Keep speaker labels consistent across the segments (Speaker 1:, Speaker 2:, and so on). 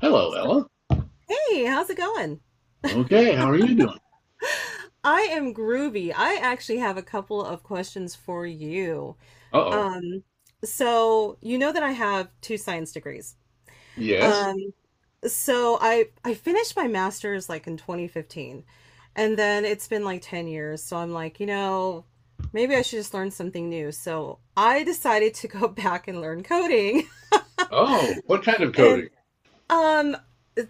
Speaker 1: Hello,
Speaker 2: So,
Speaker 1: Ella.
Speaker 2: hey, how's it going?
Speaker 1: Okay, how are you doing?
Speaker 2: I am groovy. I actually have a couple of questions for you.
Speaker 1: Uh-oh.
Speaker 2: Um, so you know that I have two science degrees.
Speaker 1: Yes.
Speaker 2: Um, so I finished my master's like in 2015, and then it's been like 10 years. So I'm like, you know, maybe I should just learn something new. So I decided to go back and learn coding.
Speaker 1: Oh, what kind of coding?
Speaker 2: And um,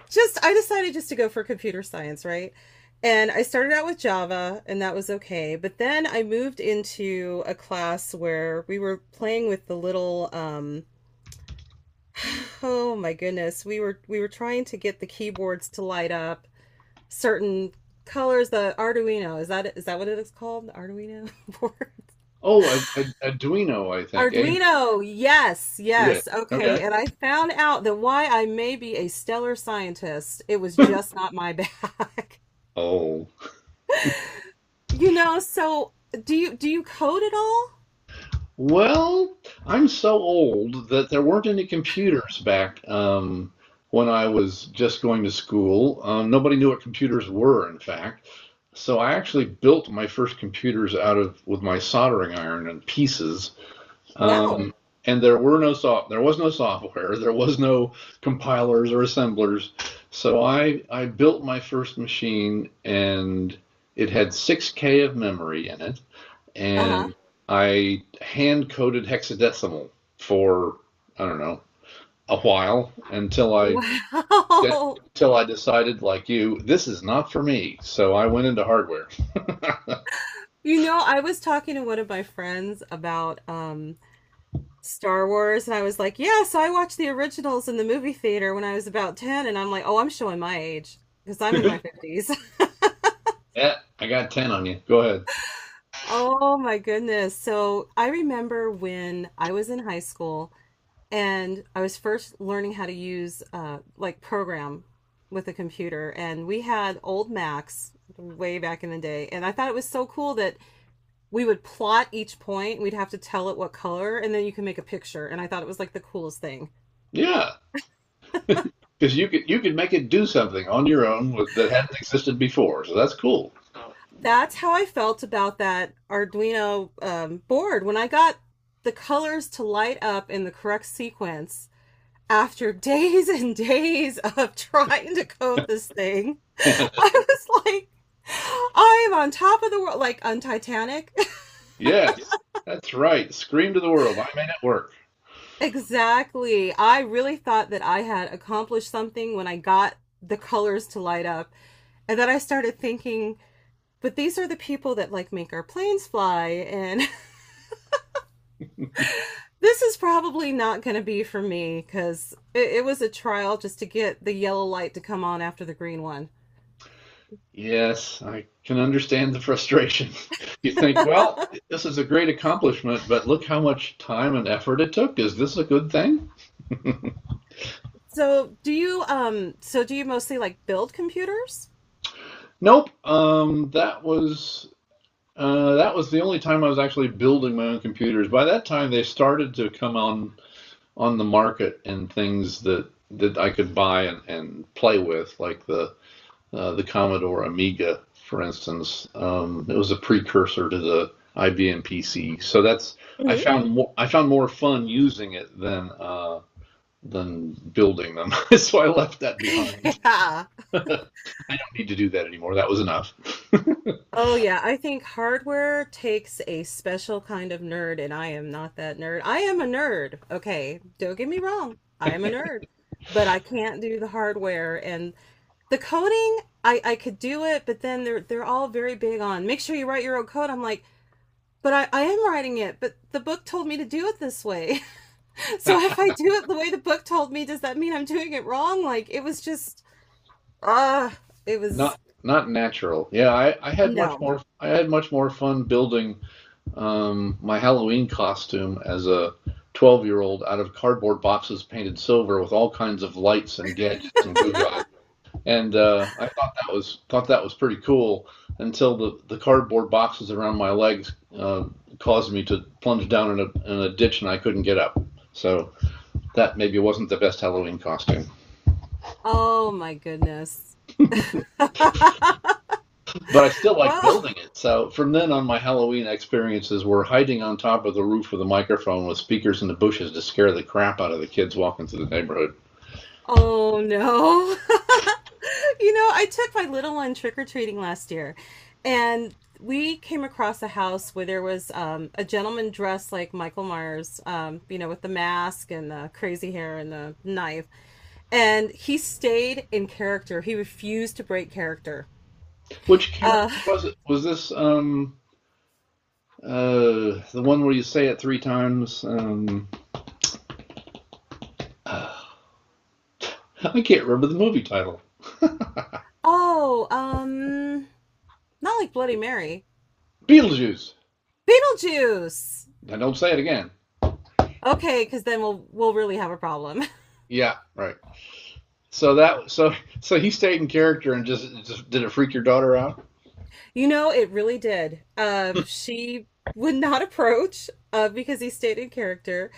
Speaker 2: just I decided just to go for computer science, right? And I started out with Java, and that was okay. But then I moved into a class where we were playing with the little oh my goodness, we were trying to get the keyboards to light up certain colors, the Arduino. Is that what it is called? The Arduino board?
Speaker 1: Oh, Ad Ad Arduino, I think. A
Speaker 2: Arduino, yes,
Speaker 1: yes.
Speaker 2: yes.
Speaker 1: Okay.
Speaker 2: Okay. And I found out that why I may be a stellar scientist, it was just not my bag.
Speaker 1: Oh.
Speaker 2: You know, so do you code at all?
Speaker 1: Well, I'm so old that there weren't any computers back when I was just going to school. Nobody knew what computers were, in fact. So I actually built my first computers out of with my soldering iron and pieces.
Speaker 2: Wow.
Speaker 1: Um, and there was no software, there was no compilers or assemblers. So I built my first machine, and it had 6K of memory in it,
Speaker 2: Uh-huh.
Speaker 1: and I hand coded hexadecimal for I don't know a while until I
Speaker 2: Wow.
Speaker 1: until I decided like you this is not for me. So I went into hardware.
Speaker 2: You know, I was talking to one of my friends about Star Wars and I was like, "Yeah, so I watched the originals in the movie theater when I was about 10." And I'm like, "Oh, I'm showing my age because I'm in my fifties."
Speaker 1: Eh, I got 10 on you. Go ahead.
Speaker 2: Oh my goodness. So, I remember when I was in high school and I was first learning how to use like program with a computer, and we had old Macs way back in the day, and I thought it was so cool that we would plot each point. We'd have to tell it what color, and then you can make a picture, and I thought it was like the coolest thing.
Speaker 1: Yeah, because you could make it do something on your own with, that hadn't existed before. So that's cool.
Speaker 2: That's how I felt about that Arduino board when I got the colors to light up in the correct sequence after days and days of trying to code this thing, I was like, I am on top of the world, like on Titanic.
Speaker 1: Yes, that's right. Scream to the world. I made it work.
Speaker 2: Exactly. I really thought that I had accomplished something when I got the colors to light up. And then I started thinking, but these are the people that like make our planes fly. And this is probably not going to be for me because it was a trial just to get the yellow light to come on after the green one.
Speaker 1: Yes, I can understand the frustration. You think, well, this is a great accomplishment, but look how much time and effort it took. Is this a good thing?
Speaker 2: So do you mostly like build computers?
Speaker 1: Nope. That was the only time I was actually building my own computers. By that time, they started to come on the market and things that I could buy and play with, like the Commodore Amiga, for instance. It was a precursor to the IBM PC. So that's I
Speaker 2: Hmm.
Speaker 1: found more, I found more fun using it than building them. so I left that behind.
Speaker 2: Yeah.
Speaker 1: I don't need to do that anymore. That was enough.
Speaker 2: Oh yeah, I think hardware takes a special kind of nerd, and I am not that nerd. I am a nerd. Okay, don't get me wrong. I am a nerd, but I can't do the hardware and the coding. I could do it, but then they're all very big on make sure you write your own code. I'm like, but I am writing it, but the book told me to do it this way. So if I do it the way the book told me, does that mean I'm doing it wrong? Like it was just ah, it was
Speaker 1: Not not natural. Yeah, I had much
Speaker 2: no.
Speaker 1: more I had much more fun building my Halloween costume as a 12-year-old out of cardboard boxes painted silver with all kinds of lights and gadgets and goo and I thought that was pretty cool until the cardboard boxes around my legs caused me to plunge down in a ditch, and I couldn't get up. So that maybe wasn't the best Halloween costume,
Speaker 2: Oh my goodness.
Speaker 1: but I still liked
Speaker 2: Well,
Speaker 1: building it. So from then on, my Halloween experiences were hiding on top of the roof with a microphone with speakers in the bushes to scare the crap out of the kids walking through the neighborhood.
Speaker 2: oh no. You know, I took my little one trick-or-treating last year, and we came across a house where there was a gentleman dressed like Michael Myers, you know, with the mask and the crazy hair and the knife. And he stayed in character. He refused to break character.
Speaker 1: Which
Speaker 2: Uh,
Speaker 1: character was it? Was this the one where you say it three times? I can't remember the movie title.
Speaker 2: oh, not like Bloody Mary.
Speaker 1: Beetlejuice.
Speaker 2: Beetlejuice.
Speaker 1: Now don't say it again.
Speaker 2: Okay, because then we'll really have a problem.
Speaker 1: Yeah, right. So that so so he stayed in character, and just did it freak your daughter out?
Speaker 2: You know, it really did. She would not approach because he stayed in character.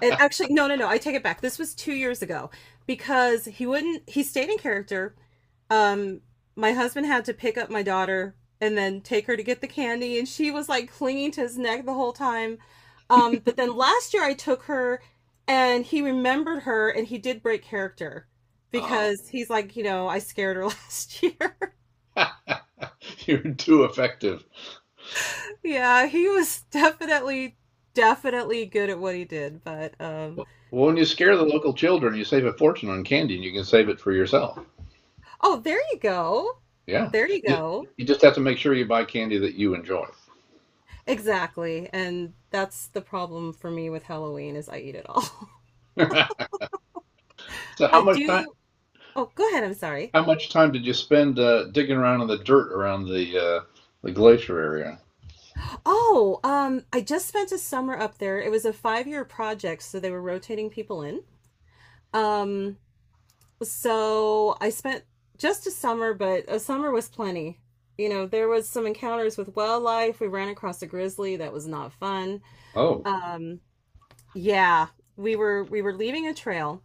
Speaker 2: And actually, no, no, no, I take it back. This was 2 years ago because he wouldn't, he stayed in character. Um, my husband had to pick up my daughter and then take her to get the candy, and she was like clinging to his neck the whole time. But then last year I took her and he remembered her and he did break character
Speaker 1: Oh.
Speaker 2: because he's like, you know, I scared her last year.
Speaker 1: You're too effective.
Speaker 2: Yeah, he was definitely good at what he did, but
Speaker 1: Well, when you
Speaker 2: yeah.
Speaker 1: scare the local children, you save a fortune on candy, and you can save it for yourself.
Speaker 2: Oh, there you go.
Speaker 1: Yeah,
Speaker 2: There you go.
Speaker 1: you just have to make sure you buy candy that you enjoy.
Speaker 2: Exactly. And that's the problem for me with Halloween is I eat it all.
Speaker 1: so, how
Speaker 2: I
Speaker 1: much time?
Speaker 2: do. Oh, go ahead. I'm sorry.
Speaker 1: how much time did you spend digging around in the dirt around the glacier area?
Speaker 2: Oh, I just spent a summer up there. It was a 5 year project, so they were rotating people in. Um, so I spent just a summer, but a summer was plenty. You know, there was some encounters with wildlife. We ran across a grizzly that was not fun.
Speaker 1: Oh,
Speaker 2: Um, yeah, we were leaving a trail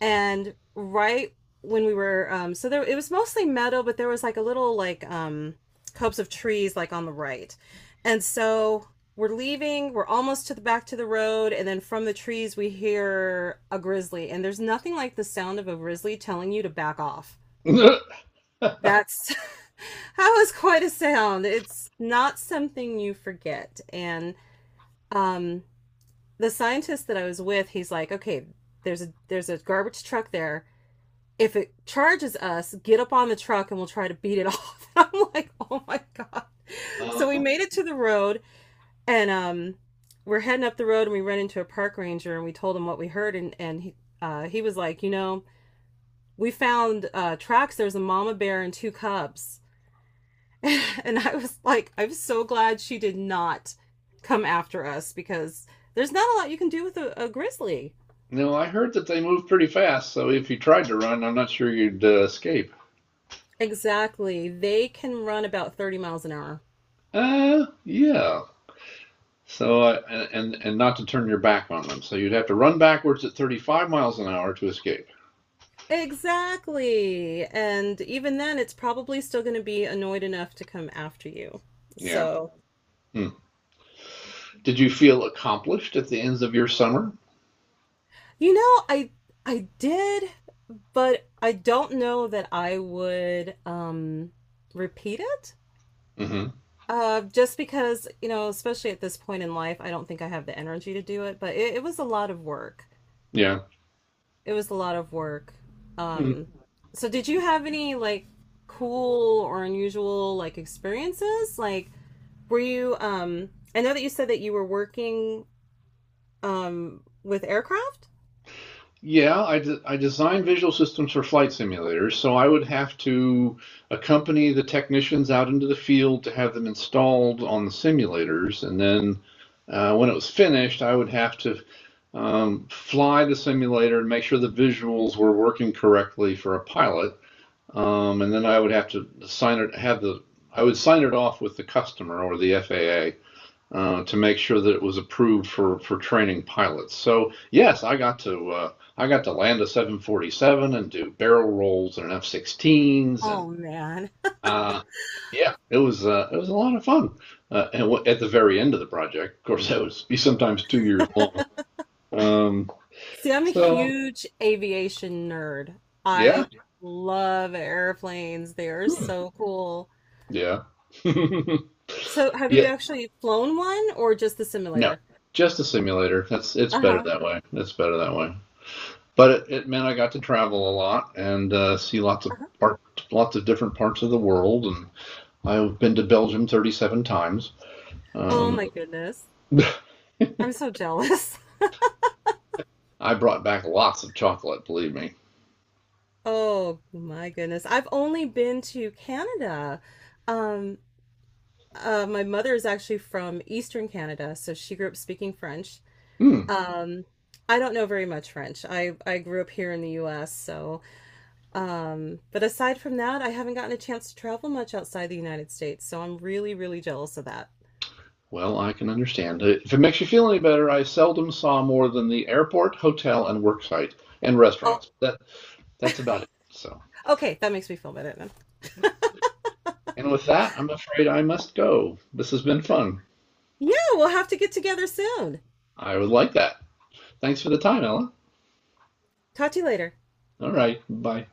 Speaker 2: and right when we were so there it was mostly meadow but there was like a little like copse of trees like on the right, and so we're leaving, we're almost to the back to the road, and then from the trees we hear a grizzly, and there's nothing like the sound of a grizzly telling you to back off. That's That was quite a sound. It's not something you forget. And um the scientist that I was with, he's like, okay, there's a garbage truck there. If it charges us, get up on the truck and we'll try to beat it off. I'm like, oh my god. So we
Speaker 1: uh,
Speaker 2: made it to the road and we're heading up the road and we run into a park ranger and we told him what we heard, and he was like, you know, we found tracks. There's a mama bear and two cubs, and I was like, I'm so glad she did not come after us because there's not a lot you can do with a grizzly.
Speaker 1: no, I heard that they move pretty fast, so if you tried to run, I'm not sure you'd escape.
Speaker 2: Exactly, they can run about 30 miles an hour.
Speaker 1: Yeah. So uh, and not to turn your back on them, so you'd have to run backwards at 35 miles an hour to escape.
Speaker 2: Exactly. And even then, it's probably still going to be annoyed enough to come after you.
Speaker 1: Yeah.
Speaker 2: So,
Speaker 1: Hmm. Did you feel accomplished at the ends of your summer?
Speaker 2: you know, I did, but I don't know that I would repeat it.
Speaker 1: Hmm.
Speaker 2: Uh, just because, you know, especially at this point in life, I don't think I have the energy to do it, but it was a lot of work.
Speaker 1: Yeah.
Speaker 2: It was a lot of work.
Speaker 1: Hmm.
Speaker 2: Um so did you have any like cool or unusual like experiences like were you? I know that you said that you were working with aircraft.
Speaker 1: Yeah, I design visual systems for flight simulators, so I would have to accompany the technicians out into the field to have them installed on the simulators, and then when it was finished, I would have to fly the simulator and make sure the visuals were working correctly for a pilot. And then I would have to sign it, I would sign it off with the customer or the FAA to make sure that it was approved for training pilots. So yes, I got to land a 747 and do barrel rolls and F-16s, and
Speaker 2: Oh man.
Speaker 1: uh, yeah, it was a lot of fun. And at the very end of the project, of course, that would be sometimes 2 years long. Um,
Speaker 2: See, I'm a
Speaker 1: so
Speaker 2: huge aviation nerd.
Speaker 1: Yeah.
Speaker 2: I love airplanes. They are
Speaker 1: Hmm.
Speaker 2: so cool.
Speaker 1: Yeah.
Speaker 2: So, have you
Speaker 1: Yeah.
Speaker 2: actually flown one or just the
Speaker 1: No.
Speaker 2: simulator?
Speaker 1: Just a simulator. That's it's
Speaker 2: Uh
Speaker 1: better
Speaker 2: huh.
Speaker 1: that way. It's better that way. But it meant I got to travel a lot and see
Speaker 2: Uh-huh.
Speaker 1: lots of different parts of the world. And I've been to Belgium 37 times.
Speaker 2: Oh
Speaker 1: Um,
Speaker 2: my goodness. I'm so jealous.
Speaker 1: I brought back lots of chocolate, believe me.
Speaker 2: Oh my goodness. I've only been to Canada. Um, my mother is actually from Eastern Canada, so she grew up speaking French.
Speaker 1: Hmm.
Speaker 2: Um, I don't know very much French. I grew up here in the U.S., so but aside from that, I haven't gotten a chance to travel much outside the United States, so I'm really jealous of that.
Speaker 1: Well, I can understand. If it makes you feel any better, I seldom saw more than the airport, hotel, and worksite and restaurants.
Speaker 2: Oh,
Speaker 1: That's about it. So.
Speaker 2: okay, that makes me feel better then.
Speaker 1: And with that, I'm afraid I must go. This has been fun.
Speaker 2: Yeah, we'll have to get together soon.
Speaker 1: I would like that. Thanks for the time, Ella.
Speaker 2: Talk to you later.
Speaker 1: All right. Bye.